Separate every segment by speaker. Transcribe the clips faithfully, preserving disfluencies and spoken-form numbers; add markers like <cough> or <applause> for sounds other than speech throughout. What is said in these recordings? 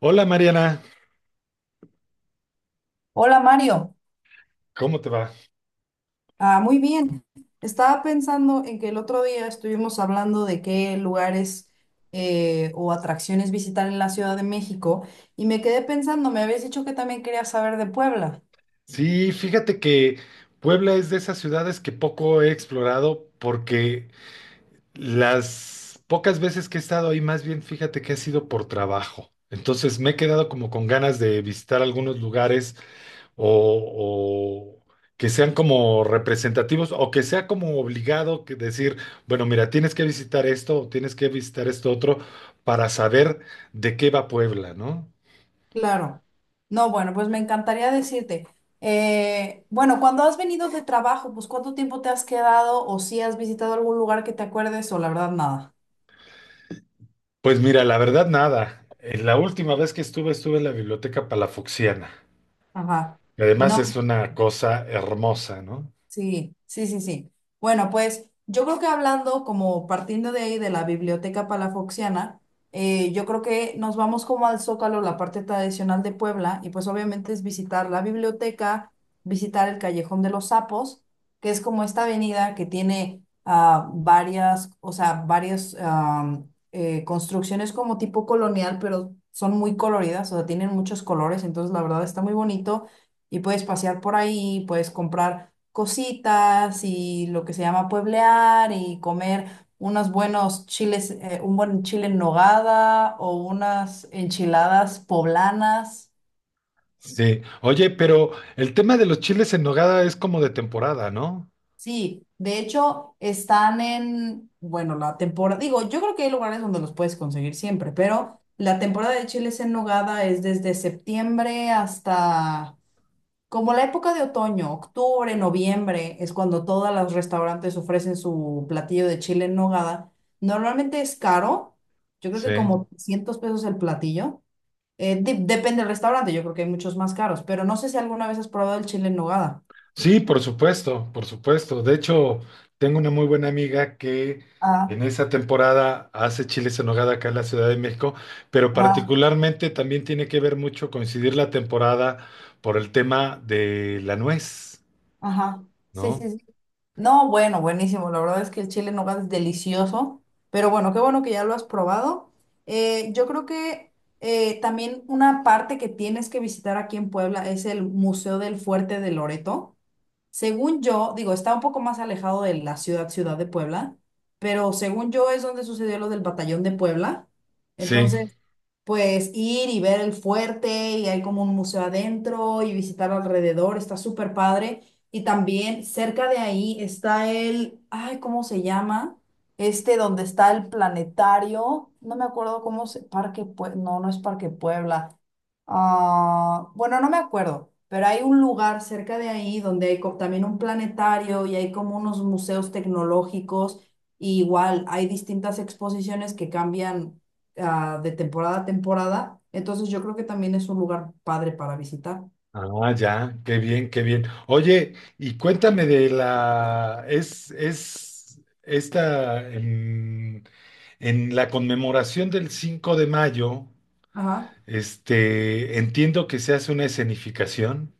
Speaker 1: Hola Mariana,
Speaker 2: Hola Mario,
Speaker 1: ¿cómo te va?
Speaker 2: ah, muy bien. Estaba pensando en que el otro día estuvimos hablando de qué lugares eh, o atracciones visitar en la Ciudad de México y me quedé pensando, me habías dicho que también querías saber de Puebla.
Speaker 1: Sí, fíjate que Puebla es de esas ciudades que poco he explorado porque las pocas veces que he estado ahí, más bien fíjate que ha sido por trabajo. Entonces me he quedado como con ganas de visitar algunos lugares o, o que sean como representativos o que sea como obligado que decir, bueno, mira, tienes que visitar esto o tienes que visitar esto otro para saber de qué va Puebla, ¿no?
Speaker 2: Claro. No, bueno, pues me encantaría decirte, eh, bueno, cuando has venido de trabajo, pues ¿cuánto tiempo te has quedado o si has visitado algún lugar que te acuerdes o la verdad nada?
Speaker 1: Pues mira, la verdad nada. Eh, La última vez que estuve, estuve en la Biblioteca Palafoxiana.
Speaker 2: Ajá.
Speaker 1: Y además es
Speaker 2: No.
Speaker 1: una cosa hermosa, ¿no?
Speaker 2: Sí, sí, sí, sí. Bueno, pues yo creo que hablando como partiendo de ahí de la biblioteca palafoxiana, eh, yo creo que nos vamos como al Zócalo, la parte tradicional de Puebla, y pues obviamente es visitar la biblioteca, visitar el Callejón de los Sapos, que es como esta avenida que tiene ah, varias, o sea, varias am, eh, construcciones como tipo colonial, pero son muy coloridas, o sea, tienen muchos colores, entonces la verdad está muy bonito y puedes pasear por ahí, puedes comprar cositas y lo que se llama pueblear y comer unos buenos chiles, eh, un buen chile en nogada o unas enchiladas poblanas.
Speaker 1: Sí. Oye, pero el tema de los chiles en nogada es como de temporada, ¿no?
Speaker 2: Sí, de hecho están en, bueno, la temporada, digo, yo creo que hay lugares donde los puedes conseguir siempre, pero la temporada de chiles en nogada es desde septiembre hasta como la época de otoño, octubre, noviembre, es cuando todos los restaurantes ofrecen su platillo de chile en nogada. Normalmente es caro, yo creo
Speaker 1: Sí.
Speaker 2: que como trescientos pesos el platillo. Eh, de- depende del restaurante, yo creo que hay muchos más caros, pero no sé si alguna vez has probado el chile en nogada.
Speaker 1: Sí, por supuesto, por supuesto. De hecho, tengo una muy buena amiga que
Speaker 2: Ah,
Speaker 1: en esa temporada hace chiles en nogada acá en la Ciudad de México, pero
Speaker 2: ah,
Speaker 1: particularmente también tiene que ver mucho coincidir la temporada por el tema de la nuez,
Speaker 2: ajá. Sí,
Speaker 1: ¿no?
Speaker 2: sí, sí. No, bueno, buenísimo. La verdad es que el chile en nogada es delicioso. Pero bueno, qué bueno que ya lo has probado. Eh, yo creo que eh, también una parte que tienes que visitar aquí en Puebla es el Museo del Fuerte de Loreto. Según yo, digo, está un poco más alejado de la ciudad, ciudad de Puebla, pero según yo es donde sucedió lo del Batallón de Puebla.
Speaker 1: Sí.
Speaker 2: Entonces, pues ir y ver el fuerte y hay como un museo adentro y visitar alrededor, está súper padre. Y también cerca de ahí está el, ay, ¿cómo se llama? Este donde está el planetario, no me acuerdo cómo se, Parque, Pue- no, no es Parque Puebla. Ah, bueno, no me acuerdo, pero hay un lugar cerca de ahí donde hay co- también un planetario y hay como unos museos tecnológicos. Y igual hay distintas exposiciones que cambian ah, de temporada a temporada. Entonces yo creo que también es un lugar padre para visitar.
Speaker 1: Ah, ya, qué bien, qué bien. Oye, y cuéntame de la, es, es esta, en, en la conmemoración del cinco de mayo,
Speaker 2: Ajá.
Speaker 1: este, entiendo que se hace una escenificación.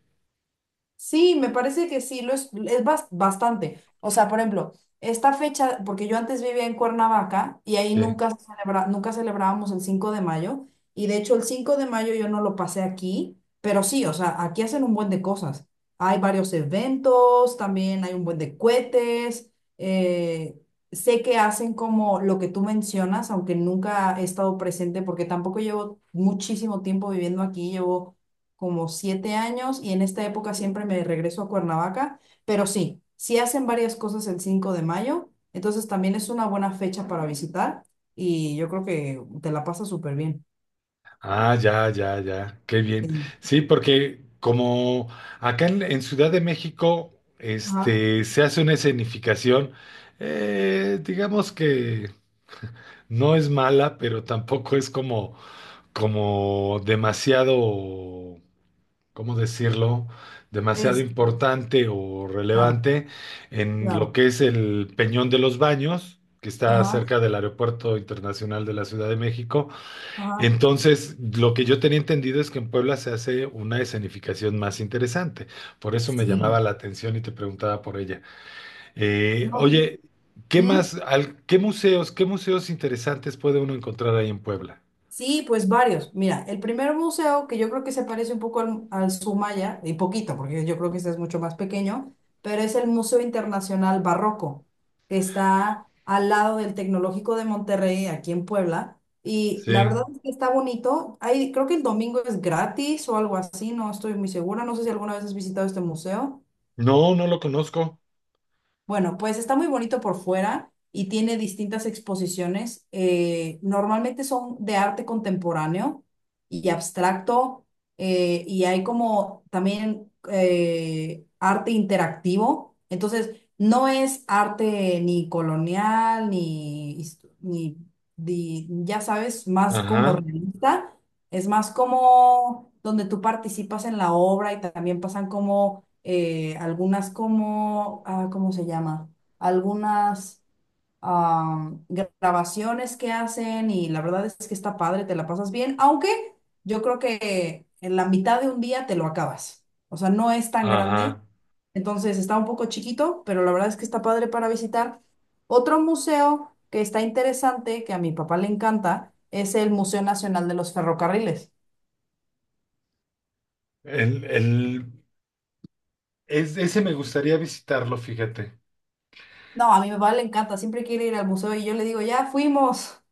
Speaker 2: Sí, me parece que sí, lo es, es bas- bastante. O sea, por ejemplo, esta fecha, porque yo antes vivía en Cuernavaca y ahí
Speaker 1: Sí.
Speaker 2: nunca, se celebra- nunca celebrábamos el cinco de mayo y de hecho el cinco de mayo yo no lo pasé aquí, pero sí, o sea, aquí hacen un buen de cosas. Hay varios eventos, también hay un buen de cohetes. eh, sé que hacen como lo que tú mencionas, aunque nunca he estado presente porque tampoco llevo muchísimo tiempo viviendo aquí, llevo como siete años y en esta época siempre me regreso a Cuernavaca, pero sí, sí hacen varias cosas el cinco de mayo, entonces también es una buena fecha para visitar y yo creo que te la pasas súper bien.
Speaker 1: Ah, ya, ya, ya, qué bien.
Speaker 2: Sí.
Speaker 1: Sí, porque como acá en, en Ciudad de México,
Speaker 2: Ajá,
Speaker 1: este, se hace una escenificación, eh, digamos que no es mala, pero tampoco es como como demasiado, ¿cómo decirlo? Demasiado
Speaker 2: es,
Speaker 1: importante o
Speaker 2: claro,
Speaker 1: relevante en lo
Speaker 2: claro,
Speaker 1: que es el Peñón de los Baños, que está
Speaker 2: ajá,
Speaker 1: cerca del Aeropuerto Internacional de la Ciudad de México.
Speaker 2: ajá,
Speaker 1: Entonces, lo que yo tenía entendido es que en Puebla se hace una escenificación más interesante. Por eso me llamaba
Speaker 2: sí,
Speaker 1: la atención y te preguntaba por ella. Eh,
Speaker 2: no, sí.
Speaker 1: oye, ¿qué
Speaker 2: ¿Mm?
Speaker 1: más, al- qué museos, qué museos interesantes puede uno encontrar ahí en Puebla?
Speaker 2: Sí, pues varios. Mira, el primer museo, que yo creo que se parece un poco al, al Sumaya, y poquito, porque yo creo que este es mucho más pequeño, pero es el Museo Internacional Barroco, que está al lado del Tecnológico de Monterrey, aquí en Puebla. Y la
Speaker 1: Sí.
Speaker 2: verdad es que está bonito. Hay, creo que el domingo es gratis o algo así, no estoy muy segura. No sé si alguna vez has visitado este museo.
Speaker 1: No, no lo conozco.
Speaker 2: Bueno, pues está muy bonito por fuera y tiene distintas exposiciones. eh, normalmente son de arte contemporáneo y abstracto eh, y hay como también eh, arte interactivo. Entonces, no es arte ni colonial, ni, his- ni, di- ya sabes, más como
Speaker 1: Ajá,
Speaker 2: realista. Es más como donde tú participas en la obra y también pasan como eh, algunas como, ah, ¿cómo se llama? Algunas ah, grabaciones que hacen y la verdad es que está padre, te la pasas bien, aunque yo creo que en la mitad de un día te lo acabas. O sea, no es tan grande,
Speaker 1: ajá.
Speaker 2: entonces está un poco chiquito, pero la verdad es que está padre para visitar. Otro museo que está interesante, que a mi papá le encanta, es el Museo Nacional de los Ferrocarriles.
Speaker 1: El, el... Es- ese me gustaría visitarlo, fíjate.
Speaker 2: No, a mi papá le encanta, siempre quiere ir al museo y yo le digo, ya fuimos,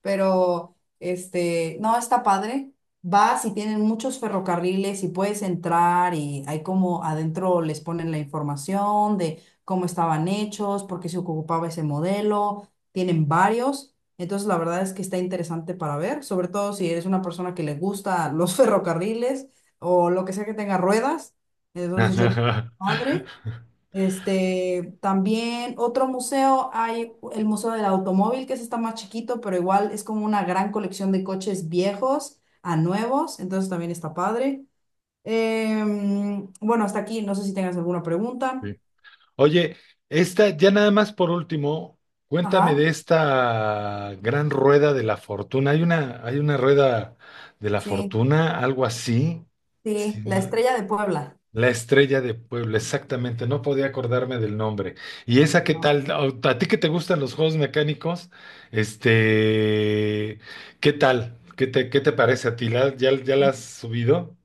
Speaker 2: pero este, no, está padre. Vas y tienen muchos ferrocarriles y puedes entrar y hay como adentro les ponen la información de cómo estaban hechos, por qué se ocupaba ese modelo, tienen varios. Entonces la verdad es que está interesante para ver, sobre todo si eres una persona que le gusta los <laughs> ferrocarriles o lo que sea que tenga ruedas. Entonces yo creo que está padre.
Speaker 1: <laughs>
Speaker 2: Este, también otro museo, hay el Museo del Automóvil, que ese está más chiquito, pero igual es como una gran colección de coches viejos a nuevos, entonces también está padre. Em, bueno, hasta aquí, no sé si tengas alguna pregunta.
Speaker 1: Sí. Oye, esta, ya nada más por último,
Speaker 2: Ajá,
Speaker 1: cuéntame de esta gran rueda de la fortuna. Hay una, hay una rueda de la
Speaker 2: sí,
Speaker 1: fortuna, algo así.
Speaker 2: sí,
Speaker 1: Sí,
Speaker 2: la
Speaker 1: no.
Speaker 2: estrella de Puebla.
Speaker 1: La estrella de Puebla, exactamente, no podía acordarme del nombre. ¿Y esa qué
Speaker 2: No.
Speaker 1: tal? A a ti que te gustan los juegos mecánicos? Este, ¿qué tal? ¿Qué te, qué te parece a ti? ¿La- ya, ya la has subido?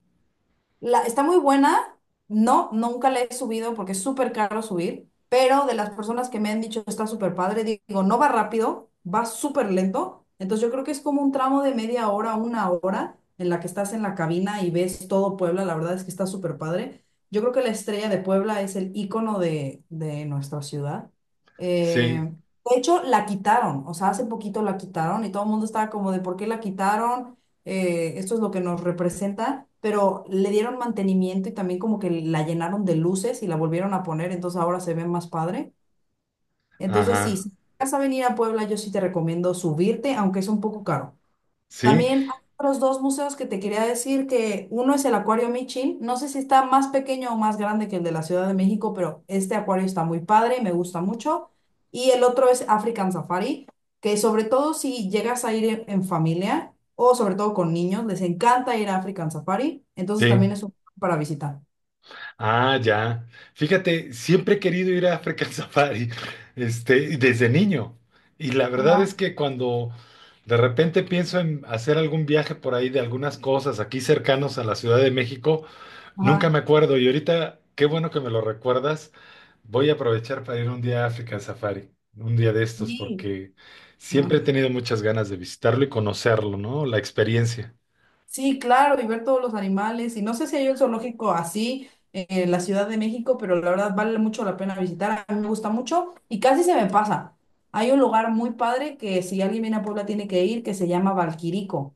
Speaker 2: La está muy buena. No, nunca la he subido porque es súper caro subir, pero de las personas que me han dicho está súper padre, digo, no va rápido, va súper lento. Entonces yo creo que es como un tramo de media hora, una hora en la que estás en la cabina y ves todo Puebla. La verdad es que está súper padre. Yo creo que la estrella de Puebla es el icono de, de nuestra ciudad.
Speaker 1: Sí,
Speaker 2: Eh, de hecho, la quitaron, o sea, hace poquito la quitaron y todo el mundo estaba como de, ¿por qué la quitaron? eh, esto es lo que nos representa, pero le dieron mantenimiento y también como que la llenaron de luces y la volvieron a poner, entonces ahora se ve más padre. Entonces sí,
Speaker 1: ajá,
Speaker 2: si vas a venir a Puebla, yo sí te recomiendo subirte, aunque es un poco caro.
Speaker 1: sí,
Speaker 2: También hay otros dos museos que te quería decir que uno es el Acuario Michin. No sé si está más pequeño o más grande que el de la Ciudad de México, pero este acuario está muy padre, me gusta mucho. Y el otro es African Safari, que sobre todo si llegas a ir en, en familia o sobre todo con niños, les encanta ir a African Safari. Entonces también
Speaker 1: sí.
Speaker 2: es un para visitar.
Speaker 1: Ah, ya. Fíjate, siempre he querido ir a African <laughs> Safari, este, y desde niño. Y la verdad es
Speaker 2: Ajá,
Speaker 1: que cuando de repente pienso en hacer algún viaje por ahí de algunas cosas aquí cercanos a la Ciudad de México, nunca
Speaker 2: ajá.
Speaker 1: me acuerdo y ahorita, qué bueno que me lo recuerdas. Voy a aprovechar para ir un día a África Safari, un día de estos,
Speaker 2: Sí.
Speaker 1: porque
Speaker 2: Ajá.
Speaker 1: siempre he tenido muchas ganas de visitarlo y conocerlo, ¿no? La experiencia.
Speaker 2: Sí, claro, y ver todos los animales. Y no sé si hay un zoológico así eh, en la Ciudad de México, pero la verdad vale mucho la pena visitar. A mí me gusta mucho y casi se me pasa. Hay un lugar muy padre que si alguien viene a Puebla tiene que ir, que se llama Valquirico.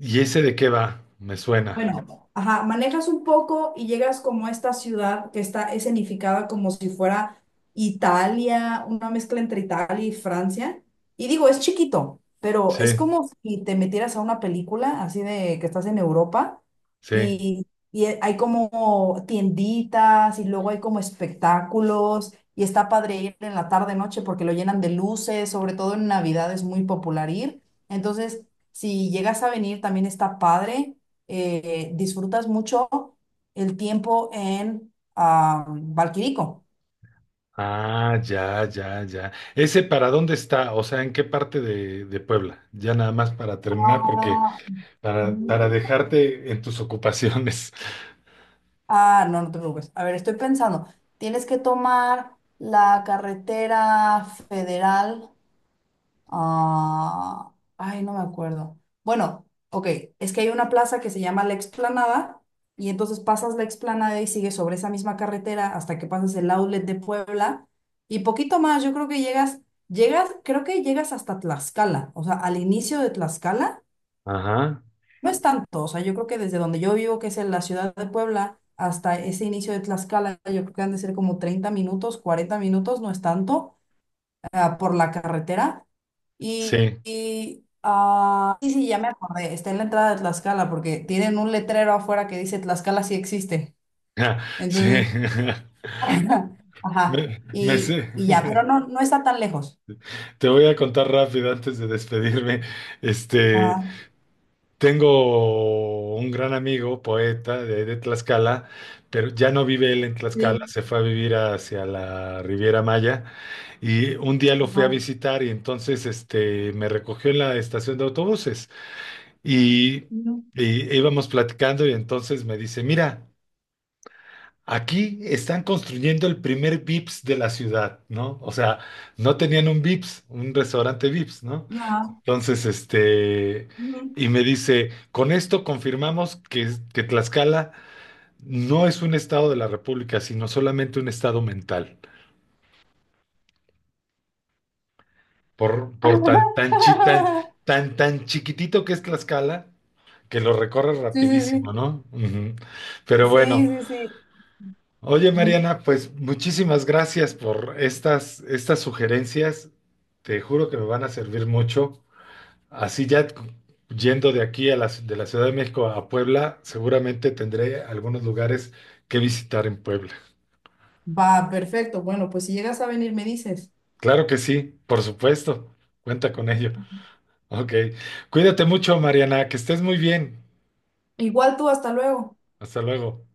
Speaker 1: ¿Y ese de qué va? Me suena.
Speaker 2: Bueno, ajá, manejas un poco y llegas como a esta ciudad que está escenificada como si fuera Italia, una mezcla entre Italia y Francia. Y digo, es chiquito, pero es
Speaker 1: Sí,
Speaker 2: como si te metieras a una película así de que estás en Europa
Speaker 1: sí.
Speaker 2: y, y hay como tienditas y luego hay como espectáculos y está padre ir en la tarde noche porque lo llenan de luces, sobre todo en Navidad es muy popular ir. Entonces, si llegas a venir también está padre eh, disfrutas mucho el tiempo en ah, Valquirico.
Speaker 1: Ah, ya, ya, ya. ¿Ese para dónde está? O sea, ¿en qué parte de, de Puebla? Ya nada más para terminar, porque
Speaker 2: Ah,
Speaker 1: para, para
Speaker 2: mm.
Speaker 1: dejarte en tus ocupaciones.
Speaker 2: Ah, no, no te preocupes. A ver, estoy pensando, tienes que tomar la carretera federal. Ah, ay, no me acuerdo. Bueno, ok, es que hay una plaza que se llama La Explanada y entonces pasas la Explanada y sigues sobre esa misma carretera hasta que pasas el outlet de Puebla y poquito más, yo creo que llegas, llegas, creo que llegas hasta Tlaxcala, o sea, al inicio de Tlaxcala,
Speaker 1: <laughs> Ajá,
Speaker 2: no es tanto, o sea, yo creo que desde donde yo vivo, que es en la ciudad de Puebla, hasta ese inicio de Tlaxcala, yo creo que han de ser como treinta minutos, cuarenta minutos, no es tanto, ah, por la carretera y,
Speaker 1: sí.
Speaker 2: y, ah, sí, sí, ya me acordé, está en la entrada de Tlaxcala porque tienen un letrero afuera que dice Tlaxcala sí existe.
Speaker 1: <laughs> Sí.
Speaker 2: Entonces,
Speaker 1: <laughs>
Speaker 2: <laughs> ajá,
Speaker 1: Me, me
Speaker 2: y,
Speaker 1: sé-
Speaker 2: y ya, pero
Speaker 1: <laughs>
Speaker 2: no, no está tan lejos.
Speaker 1: Te voy a contar rápido antes de despedirme. Este,
Speaker 2: Ajá,
Speaker 1: tengo un gran amigo, poeta de, de Tlaxcala, pero ya no vive él en Tlaxcala,
Speaker 2: sí,
Speaker 1: se fue a vivir hacia la Riviera Maya y un día lo fui a
Speaker 2: ajá,
Speaker 1: visitar y entonces este, me recogió en la estación de autobuses y,
Speaker 2: ujú,
Speaker 1: y íbamos platicando y entonces me dice, mira. Aquí están construyendo el primer Vips de la ciudad, ¿no? O sea, no tenían un Vips, un restaurante Vips, ¿no?
Speaker 2: ajá,
Speaker 1: Entonces, este,
Speaker 2: ujú.
Speaker 1: y me dice, con esto confirmamos que, que Tlaxcala no es un estado de la República, sino solamente un estado mental. Por, por tan, tan, chi- tan,
Speaker 2: <laughs>
Speaker 1: tan, tan chiquitito que es Tlaxcala, que lo recorre
Speaker 2: Sí, sí,
Speaker 1: rapidísimo, ¿no? Ujú. Pero
Speaker 2: sí,
Speaker 1: bueno,
Speaker 2: sí, sí, sí.
Speaker 1: Oye,
Speaker 2: Ujú.
Speaker 1: Mariana, pues muchísimas gracias por estas, estas sugerencias. Te juro que me van a servir mucho. Así ya cu- yendo de aquí a la, ci- de la Ciudad de México a Puebla, seguramente tendré algunos lugares que visitar en Puebla.
Speaker 2: Va, perfecto. Bueno, pues si llegas a venir, me dices.
Speaker 1: Claro que sí, por supuesto. Cuenta con ello. Ok. Cuídate mucho, Mariana. Que estés muy bien.
Speaker 2: Igual tú, hasta luego.
Speaker 1: Hasta luego.